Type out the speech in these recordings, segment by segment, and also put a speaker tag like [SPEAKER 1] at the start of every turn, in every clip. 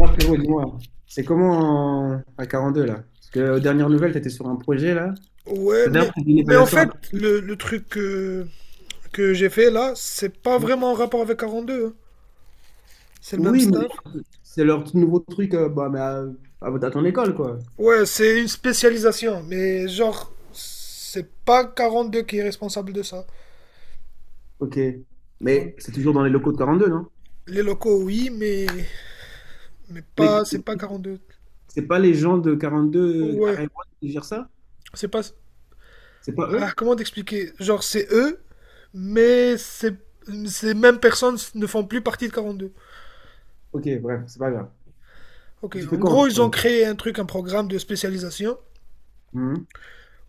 [SPEAKER 1] Ah, frérot, dis-moi, c'est comment à 42 là? Parce que aux dernières nouvelles, tu étais sur un projet là.
[SPEAKER 2] Ouais,
[SPEAKER 1] T'as
[SPEAKER 2] mais,
[SPEAKER 1] d'ailleurs fait une
[SPEAKER 2] mais en
[SPEAKER 1] évaluation
[SPEAKER 2] fait,
[SPEAKER 1] après.
[SPEAKER 2] le truc que j'ai fait là, c'est pas
[SPEAKER 1] Hein.
[SPEAKER 2] vraiment en rapport avec 42, hein. C'est le même
[SPEAKER 1] Oui, mais
[SPEAKER 2] staff.
[SPEAKER 1] c'est leur tout nouveau truc bah, mais à ton école quoi.
[SPEAKER 2] Ouais, c'est une spécialisation, mais genre, c'est pas 42 qui est responsable de ça.
[SPEAKER 1] Ok.
[SPEAKER 2] Ouais.
[SPEAKER 1] Mais c'est toujours dans les locaux de 42, non?
[SPEAKER 2] Les locaux, oui, mais
[SPEAKER 1] Mais
[SPEAKER 2] pas, c'est pas 42.
[SPEAKER 1] c'est pas les gens de 42 à
[SPEAKER 2] Ouais,
[SPEAKER 1] Raymond qui gèrent ça?
[SPEAKER 2] c'est pas.
[SPEAKER 1] C'est pas
[SPEAKER 2] Ah,
[SPEAKER 1] eux?
[SPEAKER 2] comment t'expliquer? Genre, c'est eux, mais c'est- ces mêmes personnes ne font plus partie de 42.
[SPEAKER 1] Ok, bref, c'est pas grave.
[SPEAKER 2] Ok,
[SPEAKER 1] Tu fais
[SPEAKER 2] en
[SPEAKER 1] quoi en ce
[SPEAKER 2] gros, ils ont
[SPEAKER 1] moment?
[SPEAKER 2] créé un truc, un programme de spécialisation
[SPEAKER 1] Mhm.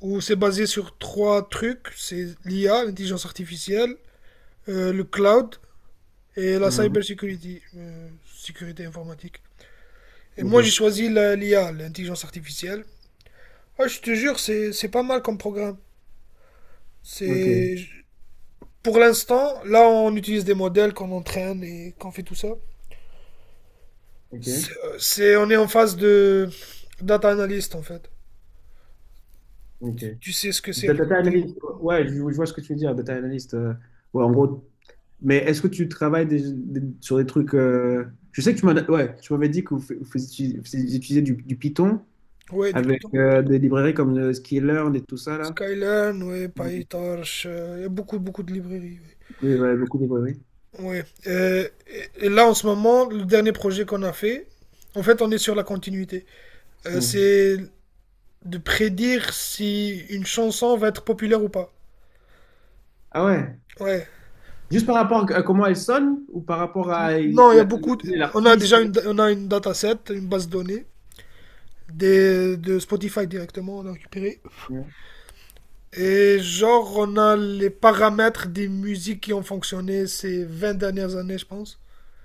[SPEAKER 2] où c'est basé sur trois trucs. C'est l'IA, l'intelligence artificielle, le cloud et la
[SPEAKER 1] Mhm.
[SPEAKER 2] cybersecurity, sécurité informatique. Et moi, j'ai
[SPEAKER 1] Ok,
[SPEAKER 2] choisi l'IA, l'intelligence artificielle. Ah, je te jure, c'est pas mal comme programme.
[SPEAKER 1] ok,
[SPEAKER 2] C'est pour l'instant, là, on utilise des modèles qu'on entraîne et qu'on fait tout ça.
[SPEAKER 1] ok,
[SPEAKER 2] On est en phase de data analyst en fait.
[SPEAKER 1] ok.
[SPEAKER 2] Tu sais ce que c'est à peu
[SPEAKER 1] Data
[SPEAKER 2] Python.
[SPEAKER 1] analyst, ouais, je vois ce que tu veux dire, data analyst. Ouais, en gros. Mais est-ce que tu travailles sur des trucs Je sais que tu m'en as- ouais, tu m'avais dit que fais- du Python
[SPEAKER 2] Ouais, du
[SPEAKER 1] avec
[SPEAKER 2] Python.
[SPEAKER 1] des librairies comme Skillearn et tout ça là.
[SPEAKER 2] Skylern, ouais,
[SPEAKER 1] Vous
[SPEAKER 2] PyTorch, il y a beaucoup beaucoup de librairies. Ouais.
[SPEAKER 1] pouvez, ouais, beaucoup de librairies.
[SPEAKER 2] Ouais. Et là, en ce moment, le dernier projet qu'on a fait, en fait, on est sur la continuité.
[SPEAKER 1] Ouais.
[SPEAKER 2] C'est de prédire si une chanson va être populaire ou pas.
[SPEAKER 1] Ah ouais.
[SPEAKER 2] Ouais.
[SPEAKER 1] Juste par rapport à comment elles sonnent ou par rapport à
[SPEAKER 2] Non, il y a beaucoup. de- On a
[SPEAKER 1] l'artiste.
[SPEAKER 2] déjà une, on a une dataset, une base de données de Spotify directement, on a récupéré.
[SPEAKER 1] Ouais.
[SPEAKER 2] Et genre, on a les paramètres des musiques qui ont fonctionné ces 20 dernières années, je pense.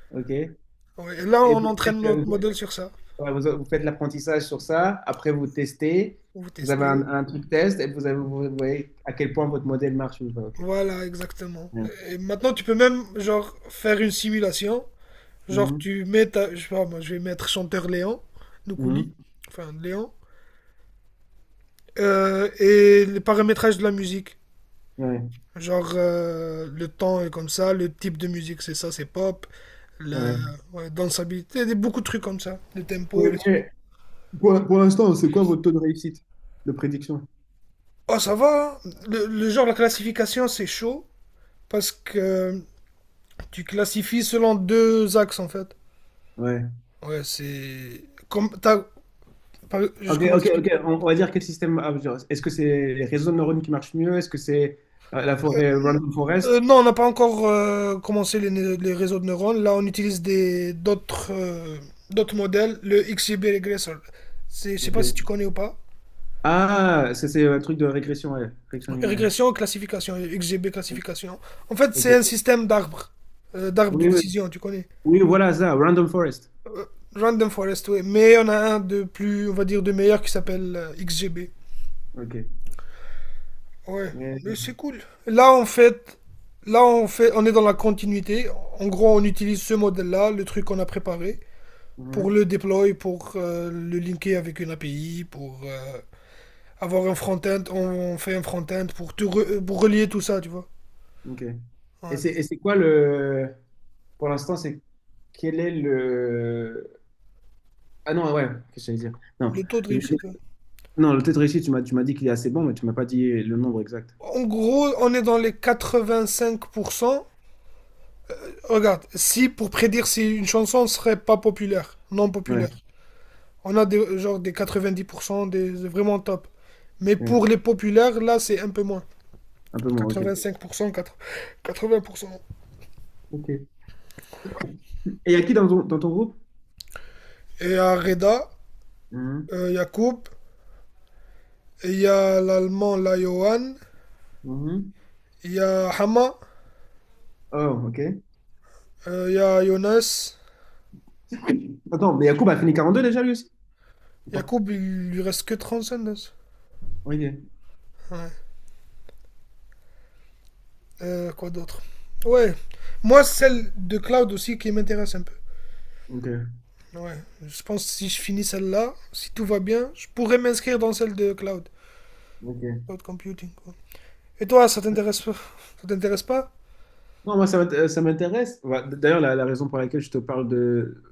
[SPEAKER 1] Ok.
[SPEAKER 2] Ouais. Et là,
[SPEAKER 1] Et
[SPEAKER 2] on
[SPEAKER 1] vous faites,
[SPEAKER 2] entraîne notre
[SPEAKER 1] vous,
[SPEAKER 2] modèle sur ça.
[SPEAKER 1] ouais, vous faites l'apprentissage sur ça. Après vous testez.
[SPEAKER 2] On vous
[SPEAKER 1] Vous avez
[SPEAKER 2] tester.
[SPEAKER 1] un truc test et vous voyez à quel point votre modèle marche ou pas. Ok.
[SPEAKER 2] Voilà, exactement.
[SPEAKER 1] Ouais.
[SPEAKER 2] Et maintenant, tu peux même, genre, faire une simulation. Genre,
[SPEAKER 1] Mhm.
[SPEAKER 2] tu mets je sais pas, moi, je vais mettre chanteur Léon, Noukouli,
[SPEAKER 1] Mhm.
[SPEAKER 2] enfin, Léon, et les paramétrages de la musique.
[SPEAKER 1] Ouais.
[SPEAKER 2] Genre, le temps est comme ça, le type de musique, c'est ça, c'est pop, la
[SPEAKER 1] Ouais.
[SPEAKER 2] ouais, dansabilité, beaucoup de trucs comme ça, le
[SPEAKER 1] Oui,
[SPEAKER 2] tempo, les.
[SPEAKER 1] mais pour l'instant, c'est quoi votre taux de réussite de prédiction?
[SPEAKER 2] Oh, ça va, hein. Le genre, la classification, c'est chaud, parce que tu classifies selon deux axes, en fait.
[SPEAKER 1] Ouais.
[SPEAKER 2] Ouais, c'est... Comme, t'as Par- juste
[SPEAKER 1] Ok,
[SPEAKER 2] comment
[SPEAKER 1] ok, ok.
[SPEAKER 2] t'expliquer?
[SPEAKER 1] On va dire quel système. Ah, genre, est-ce que c'est les réseaux de neurones qui marchent mieux? Est-ce que c'est la
[SPEAKER 2] Euh,
[SPEAKER 1] forêt Random
[SPEAKER 2] euh,
[SPEAKER 1] Forest?
[SPEAKER 2] non, on n'a pas encore commencé les réseaux de neurones. Là, on utilise des d'autres d'autres modèles, le XGB Regressor. Je sais pas si tu
[SPEAKER 1] Ok.
[SPEAKER 2] connais ou pas.
[SPEAKER 1] Ah, ça, c'est un truc de régression, ouais, régression linéaire.
[SPEAKER 2] Régression, classification, XGB classification. En fait,
[SPEAKER 1] Ok.
[SPEAKER 2] c'est un système d'arbres, d'arbres de
[SPEAKER 1] Oui, oui.
[SPEAKER 2] décision, tu connais.
[SPEAKER 1] Oui, voilà ça, Random Forest.
[SPEAKER 2] Random Forest, ouais. Mais on a un de plus, on va dire, de meilleur qui s'appelle XGB.
[SPEAKER 1] Ok.
[SPEAKER 2] Ouais,
[SPEAKER 1] Euh,
[SPEAKER 2] mais c'est cool. Là, en fait, là, on est dans la continuité. En gros, on utilise ce modèle-là, le truc qu'on a préparé, pour
[SPEAKER 1] mhm,
[SPEAKER 2] le déploy, pour le linker avec une API, pour avoir un front-end, on fait un front-end pour, pour relier tout ça, tu vois.
[SPEAKER 1] ok. Et
[SPEAKER 2] Ouais.
[SPEAKER 1] c'est quoi le. Pour l'instant, c'est. Quel est le. Ah non, ouais, qu'est-ce que j'allais dire? Non.
[SPEAKER 2] Le taux de réussite. Ouais.
[SPEAKER 1] Non, le test réussi, tu m'as dit qu'il est assez bon, mais tu m'as pas dit le nombre exact.
[SPEAKER 2] En gros, on est dans les 85%. Regarde, si pour prédire si une chanson serait pas populaire, non
[SPEAKER 1] Ouais,
[SPEAKER 2] populaire, on a genre des 90%, des vraiment top. Mais
[SPEAKER 1] ouais,
[SPEAKER 2] pour les populaires, là, c'est un peu moins.
[SPEAKER 1] un peu moins, ok.
[SPEAKER 2] 85%, 80%.
[SPEAKER 1] Ok. Et il y a qui dans ton groupe?
[SPEAKER 2] Et à Reda,
[SPEAKER 1] Mhm.
[SPEAKER 2] Yacoub, il y a l'allemand, là, Johan.
[SPEAKER 1] Mhm.
[SPEAKER 2] Il y a Hama.
[SPEAKER 1] Oh, ok.
[SPEAKER 2] Il y a Jonas.
[SPEAKER 1] Attends, mais Yacoub a fini 42 déjà lui aussi? Ou pas?
[SPEAKER 2] Yacoub, il lui reste que 35.
[SPEAKER 1] Ok.
[SPEAKER 2] Ouais. Quoi d'autre? Ouais. Moi, celle de Cloud aussi qui m'intéresse un peu.
[SPEAKER 1] Ok.
[SPEAKER 2] Ouais. Je pense que si je finis celle-là, si tout va bien, je pourrais m'inscrire dans celle de Cloud.
[SPEAKER 1] Ok.
[SPEAKER 2] Cloud Computing, quoi. Et toi, ça t'intéresse pas? Ça t'intéresse pas?
[SPEAKER 1] Non, moi, ça m'intéresse. Ouais, d'ailleurs, la raison pour laquelle je te parle de...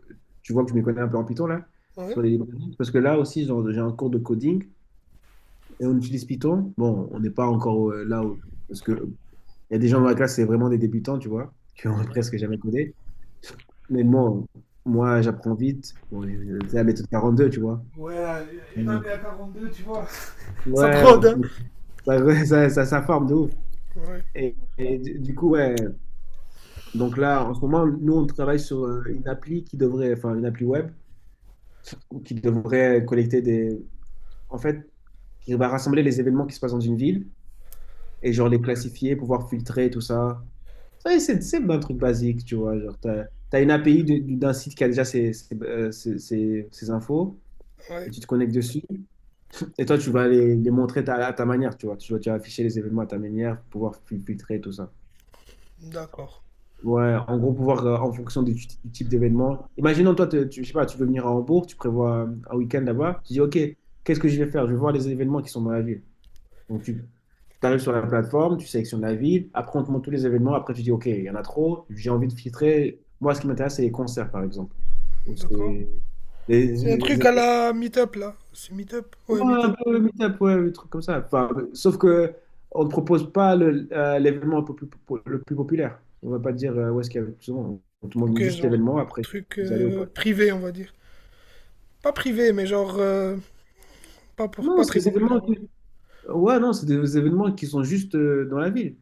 [SPEAKER 1] Tu vois que je m'y connais un peu en Python, là,
[SPEAKER 2] Ouais.
[SPEAKER 1] sur les librairies. Parce que là aussi, genre, j'ai un cours de coding et on utilise Python. Bon, on n'est pas encore là où... Parce que Il y a des gens dans la classe, c'est vraiment des débutants, tu vois, qui ont presque jamais codé. Mais bon, moi, j'apprends vite. Bon, c'est la méthode 42, tu vois.
[SPEAKER 2] Ouais, une
[SPEAKER 1] Mm.
[SPEAKER 2] année à 42, tu vois. Ça te
[SPEAKER 1] Ouais,
[SPEAKER 2] rôde, hein?
[SPEAKER 1] ça, ça forme de ouf.
[SPEAKER 2] Ouais.
[SPEAKER 1] Et du coup, ouais. Donc là, en ce moment, nous, on travaille sur une appli qui devrait, enfin, une appli web qui devrait collecter des. En fait, qui va rassembler les événements qui se passent dans une ville et genre les classifier, pouvoir filtrer tout ça. Ça, c'est simple un truc basique, tu vois. Genre, t'as une API d'un site qui a déjà ses infos
[SPEAKER 2] Ouais.
[SPEAKER 1] et tu te connectes dessus. Et toi, tu vas les montrer à ta manière, tu vois. Tu vas afficher les événements à ta manière pour pouvoir filtrer tout ça.
[SPEAKER 2] D'accord.
[SPEAKER 1] Ouais, en gros, pouvoir, en fonction du type d'événement. Imaginons, toi, tu, je sais pas, tu veux venir à Hambourg, tu prévois un week-end là-bas. Tu dis, OK, qu'est-ce que je vais faire? Je vais voir les événements qui sont dans la ville. Donc, tu arrives sur la plateforme, tu sélectionnes la ville, après on te montre tous les événements, après tu dis, OK, il y en a trop, j'ai envie de filtrer. Moi, ce qui m'intéresse, c'est les concerts, par exemple. Ou
[SPEAKER 2] D'accord.
[SPEAKER 1] c'est des,
[SPEAKER 2] C'est un truc
[SPEAKER 1] des-
[SPEAKER 2] à
[SPEAKER 1] des
[SPEAKER 2] la Meetup là. C'est Meetup? Ouais,
[SPEAKER 1] événements un
[SPEAKER 2] Meetup.
[SPEAKER 1] peu meet-up, ouais, des trucs comme ça. Enfin, sauf que on ne propose pas l'événement un peu plus, le plus populaire. On ne va pas te dire où est-ce qu'il y a le plus souvent. On te montre
[SPEAKER 2] Ok,
[SPEAKER 1] juste
[SPEAKER 2] genre
[SPEAKER 1] l'événement, après
[SPEAKER 2] truc
[SPEAKER 1] y aller ou pas.
[SPEAKER 2] privé, on va dire. Pas privé, mais genre pas pour
[SPEAKER 1] Non,
[SPEAKER 2] pas
[SPEAKER 1] c'est
[SPEAKER 2] très
[SPEAKER 1] des événements
[SPEAKER 2] populaire. Ouais.
[SPEAKER 1] qui... Ouais, non, c'est des événements qui sont juste dans la ville,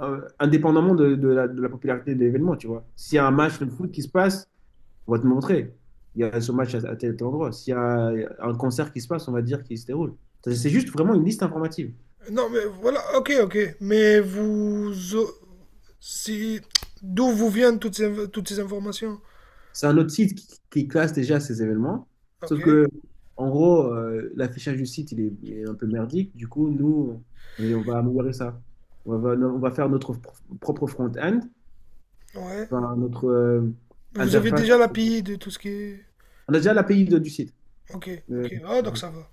[SPEAKER 1] Indépendamment de la popularité de l'événement, tu vois. S'il y a un
[SPEAKER 2] Ok.
[SPEAKER 1] match de foot qui se passe, on va te montrer. Il y a ce match à tel tel endroit. S'il y a un concert qui se passe, on va dire qu'il se déroule. C'est juste vraiment une liste informative.
[SPEAKER 2] Non, mais voilà. Ok, ok. Mais vous, si d'où vous viennent toutes ces informations?
[SPEAKER 1] C'est un autre site qui classe déjà ces événements.
[SPEAKER 2] Ok.
[SPEAKER 1] Sauf que, en gros, l'affichage du site, il est un peu merdique. Du coup, nous, on va améliorer ça. On va faire notre propre front-end,
[SPEAKER 2] Ouais.
[SPEAKER 1] enfin, notre
[SPEAKER 2] Vous avez déjà
[SPEAKER 1] interface.
[SPEAKER 2] la l'API de tout ce qui est.
[SPEAKER 1] On a déjà l'API du site.
[SPEAKER 2] Ok,
[SPEAKER 1] Euh,
[SPEAKER 2] ok. Ah, donc ça va.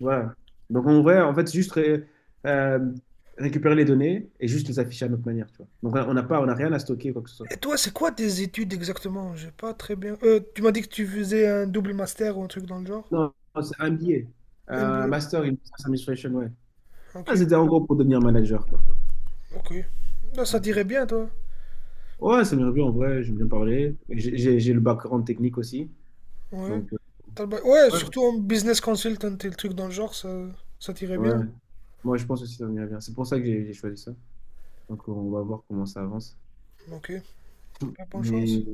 [SPEAKER 1] Ouais. Donc en vrai, en fait, c'est juste euh, récupérer les données et juste les afficher à notre manière, tu vois. Donc on n'a rien à stocker, quoi que ce soit.
[SPEAKER 2] Et toi, c'est quoi tes études exactement? J'ai pas très bien. Tu m'as dit que tu faisais un double master ou un truc dans le genre?
[SPEAKER 1] Non, non, c'est un billet.
[SPEAKER 2] MBA.
[SPEAKER 1] Master in Business Administration, ouais.
[SPEAKER 2] Ok.
[SPEAKER 1] Ah, c'était en gros pour devenir manager, quoi.
[SPEAKER 2] Ok. Là, ça dirait bien, toi.
[SPEAKER 1] Ouais, ça m'est revenu en vrai, j'aime bien parler. Et j'ai le background technique aussi.
[SPEAKER 2] Ouais.
[SPEAKER 1] Donc
[SPEAKER 2] Ouais,
[SPEAKER 1] ouais,
[SPEAKER 2] surtout en business consultant et le truc dans le genre, ça t'irait
[SPEAKER 1] ouais.
[SPEAKER 2] bien.
[SPEAKER 1] Moi, je pense aussi que ça m'est bien. C'est pour ça que j'ai choisi ça. Donc on va voir comment ça avance.
[SPEAKER 2] Ok. Pas bonne chance.
[SPEAKER 1] Mais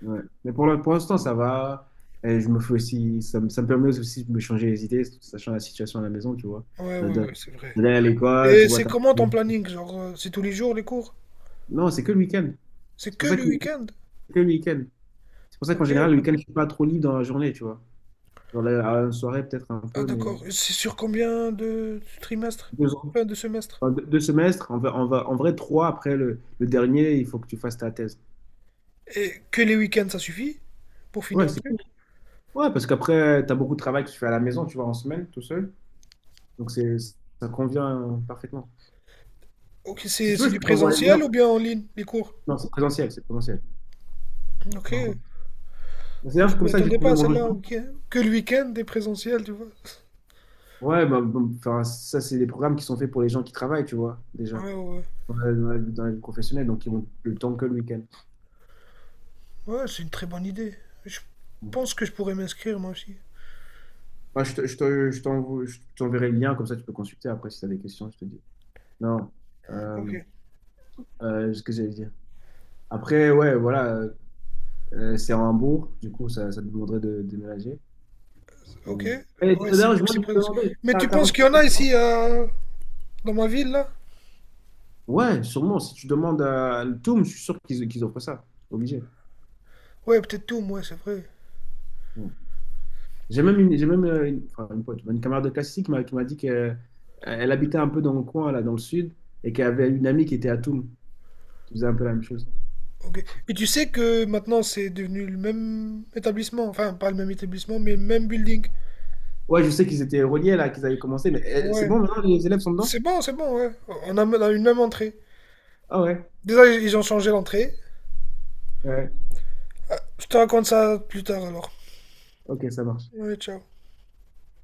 [SPEAKER 1] Ouais. Mais pour pour l'instant, ça va. Et je me fais aussi, ça me permet aussi de me changer les idées, sachant la situation à la maison, tu vois.
[SPEAKER 2] Ouais,
[SPEAKER 1] De-
[SPEAKER 2] ouais,
[SPEAKER 1] de-
[SPEAKER 2] ouais, c'est vrai.
[SPEAKER 1] D'aller à l'école, tu
[SPEAKER 2] Et
[SPEAKER 1] vois.
[SPEAKER 2] c'est comment ton planning? Genre, c'est tous les jours les cours?
[SPEAKER 1] Non, c'est que le week-end.
[SPEAKER 2] C'est
[SPEAKER 1] C'est pour
[SPEAKER 2] que
[SPEAKER 1] ça
[SPEAKER 2] le
[SPEAKER 1] que,
[SPEAKER 2] week-end?
[SPEAKER 1] le week-end. C'est pour ça qu'en
[SPEAKER 2] Ok.
[SPEAKER 1] général, le week-end, je suis pas trop libre dans la journée, tu vois. Genre à une soirée, peut-être un
[SPEAKER 2] Ah,
[SPEAKER 1] peu, mais
[SPEAKER 2] d'accord. Et c'est sur combien de trimestres?
[SPEAKER 1] 2 ans.
[SPEAKER 2] Enfin, de semestres?
[SPEAKER 1] Enfin, deux semestres, on va, en vrai, 3 après le dernier, il faut que tu fasses ta thèse.
[SPEAKER 2] Et que les week-ends, ça suffit pour finir
[SPEAKER 1] Ouais,
[SPEAKER 2] le
[SPEAKER 1] c'est
[SPEAKER 2] truc?
[SPEAKER 1] cool. Ouais, parce qu'après, tu as beaucoup de travail que tu fais à la maison, tu vois, en semaine, tout seul. Donc, ça convient parfaitement.
[SPEAKER 2] Ok,
[SPEAKER 1] Si
[SPEAKER 2] c'est
[SPEAKER 1] tu veux,
[SPEAKER 2] c'est
[SPEAKER 1] je
[SPEAKER 2] du
[SPEAKER 1] peux t'envoyer le
[SPEAKER 2] présentiel
[SPEAKER 1] lien.
[SPEAKER 2] ou bien en ligne, les cours?
[SPEAKER 1] Non, c'est présentiel, c'est présentiel.
[SPEAKER 2] Ok.
[SPEAKER 1] Par contre. C'est
[SPEAKER 2] Ah, je
[SPEAKER 1] d'ailleurs comme
[SPEAKER 2] m'y
[SPEAKER 1] ça que j'ai
[SPEAKER 2] attendais pas
[SPEAKER 1] trouvé
[SPEAKER 2] à
[SPEAKER 1] mon
[SPEAKER 2] celle-là.
[SPEAKER 1] logement.
[SPEAKER 2] Ok. Que le week-end, des présentiels, tu vois.
[SPEAKER 1] Ouais, bah, bon, enfin, ça, c'est des programmes qui sont faits pour les gens qui travaillent, tu vois, déjà,
[SPEAKER 2] Ouais, ouais.
[SPEAKER 1] dans la vie professionnelle, donc ils ont le temps que le week-end.
[SPEAKER 2] Ouais, ouais, c'est une très bonne idée. Je
[SPEAKER 1] Bon.
[SPEAKER 2] pense que je pourrais m'inscrire moi aussi.
[SPEAKER 1] Moi, je t'enverrai le lien, comme ça, tu peux consulter. Après, si tu as des questions, je te dis. Non,
[SPEAKER 2] Ok.
[SPEAKER 1] euh, ce que j'allais dire. Après, ouais, voilà, c'est en Hambourg, du coup, ça te demanderait déménager.
[SPEAKER 2] Ok.
[SPEAKER 1] Mais- Et
[SPEAKER 2] Ouais, c'est
[SPEAKER 1] d'ailleurs,
[SPEAKER 2] vu
[SPEAKER 1] je
[SPEAKER 2] que
[SPEAKER 1] moi,
[SPEAKER 2] c'est
[SPEAKER 1] je me
[SPEAKER 2] présent.
[SPEAKER 1] demandais,
[SPEAKER 2] Mais
[SPEAKER 1] t'as
[SPEAKER 2] tu
[SPEAKER 1] t'as
[SPEAKER 2] penses qu'il y
[SPEAKER 1] recherché.
[SPEAKER 2] en a ici dans ma ville là?
[SPEAKER 1] Ouais, sûrement. Si tu demandes à le Toum, je suis sûr qu'ils offrent ça. Obligé.
[SPEAKER 2] Ouais, peut-être tout, moi c'est vrai.
[SPEAKER 1] Ouais. J'ai même enfin, une pote, une camarade de classe ici qui m'a dit qu'elle elle habitait un peu dans le coin, là, dans le sud, et qu'elle avait une amie qui était à Toum, qui faisait un peu la même chose.
[SPEAKER 2] Ok. Et tu sais que maintenant c'est devenu le même établissement. Enfin, pas le même établissement, mais le même building.
[SPEAKER 1] Ouais, je sais qu'ils étaient reliés, là, qu'ils avaient commencé, mais c'est
[SPEAKER 2] Ouais.
[SPEAKER 1] bon, maintenant les élèves sont dedans?
[SPEAKER 2] C'est bon, ouais. On a une même entrée.
[SPEAKER 1] Ah ouais,
[SPEAKER 2] Déjà, ils ont changé l'entrée.
[SPEAKER 1] ouais,
[SPEAKER 2] Ah, je te raconte ça plus tard alors.
[SPEAKER 1] ok, ça marche.
[SPEAKER 2] Ouais, ciao.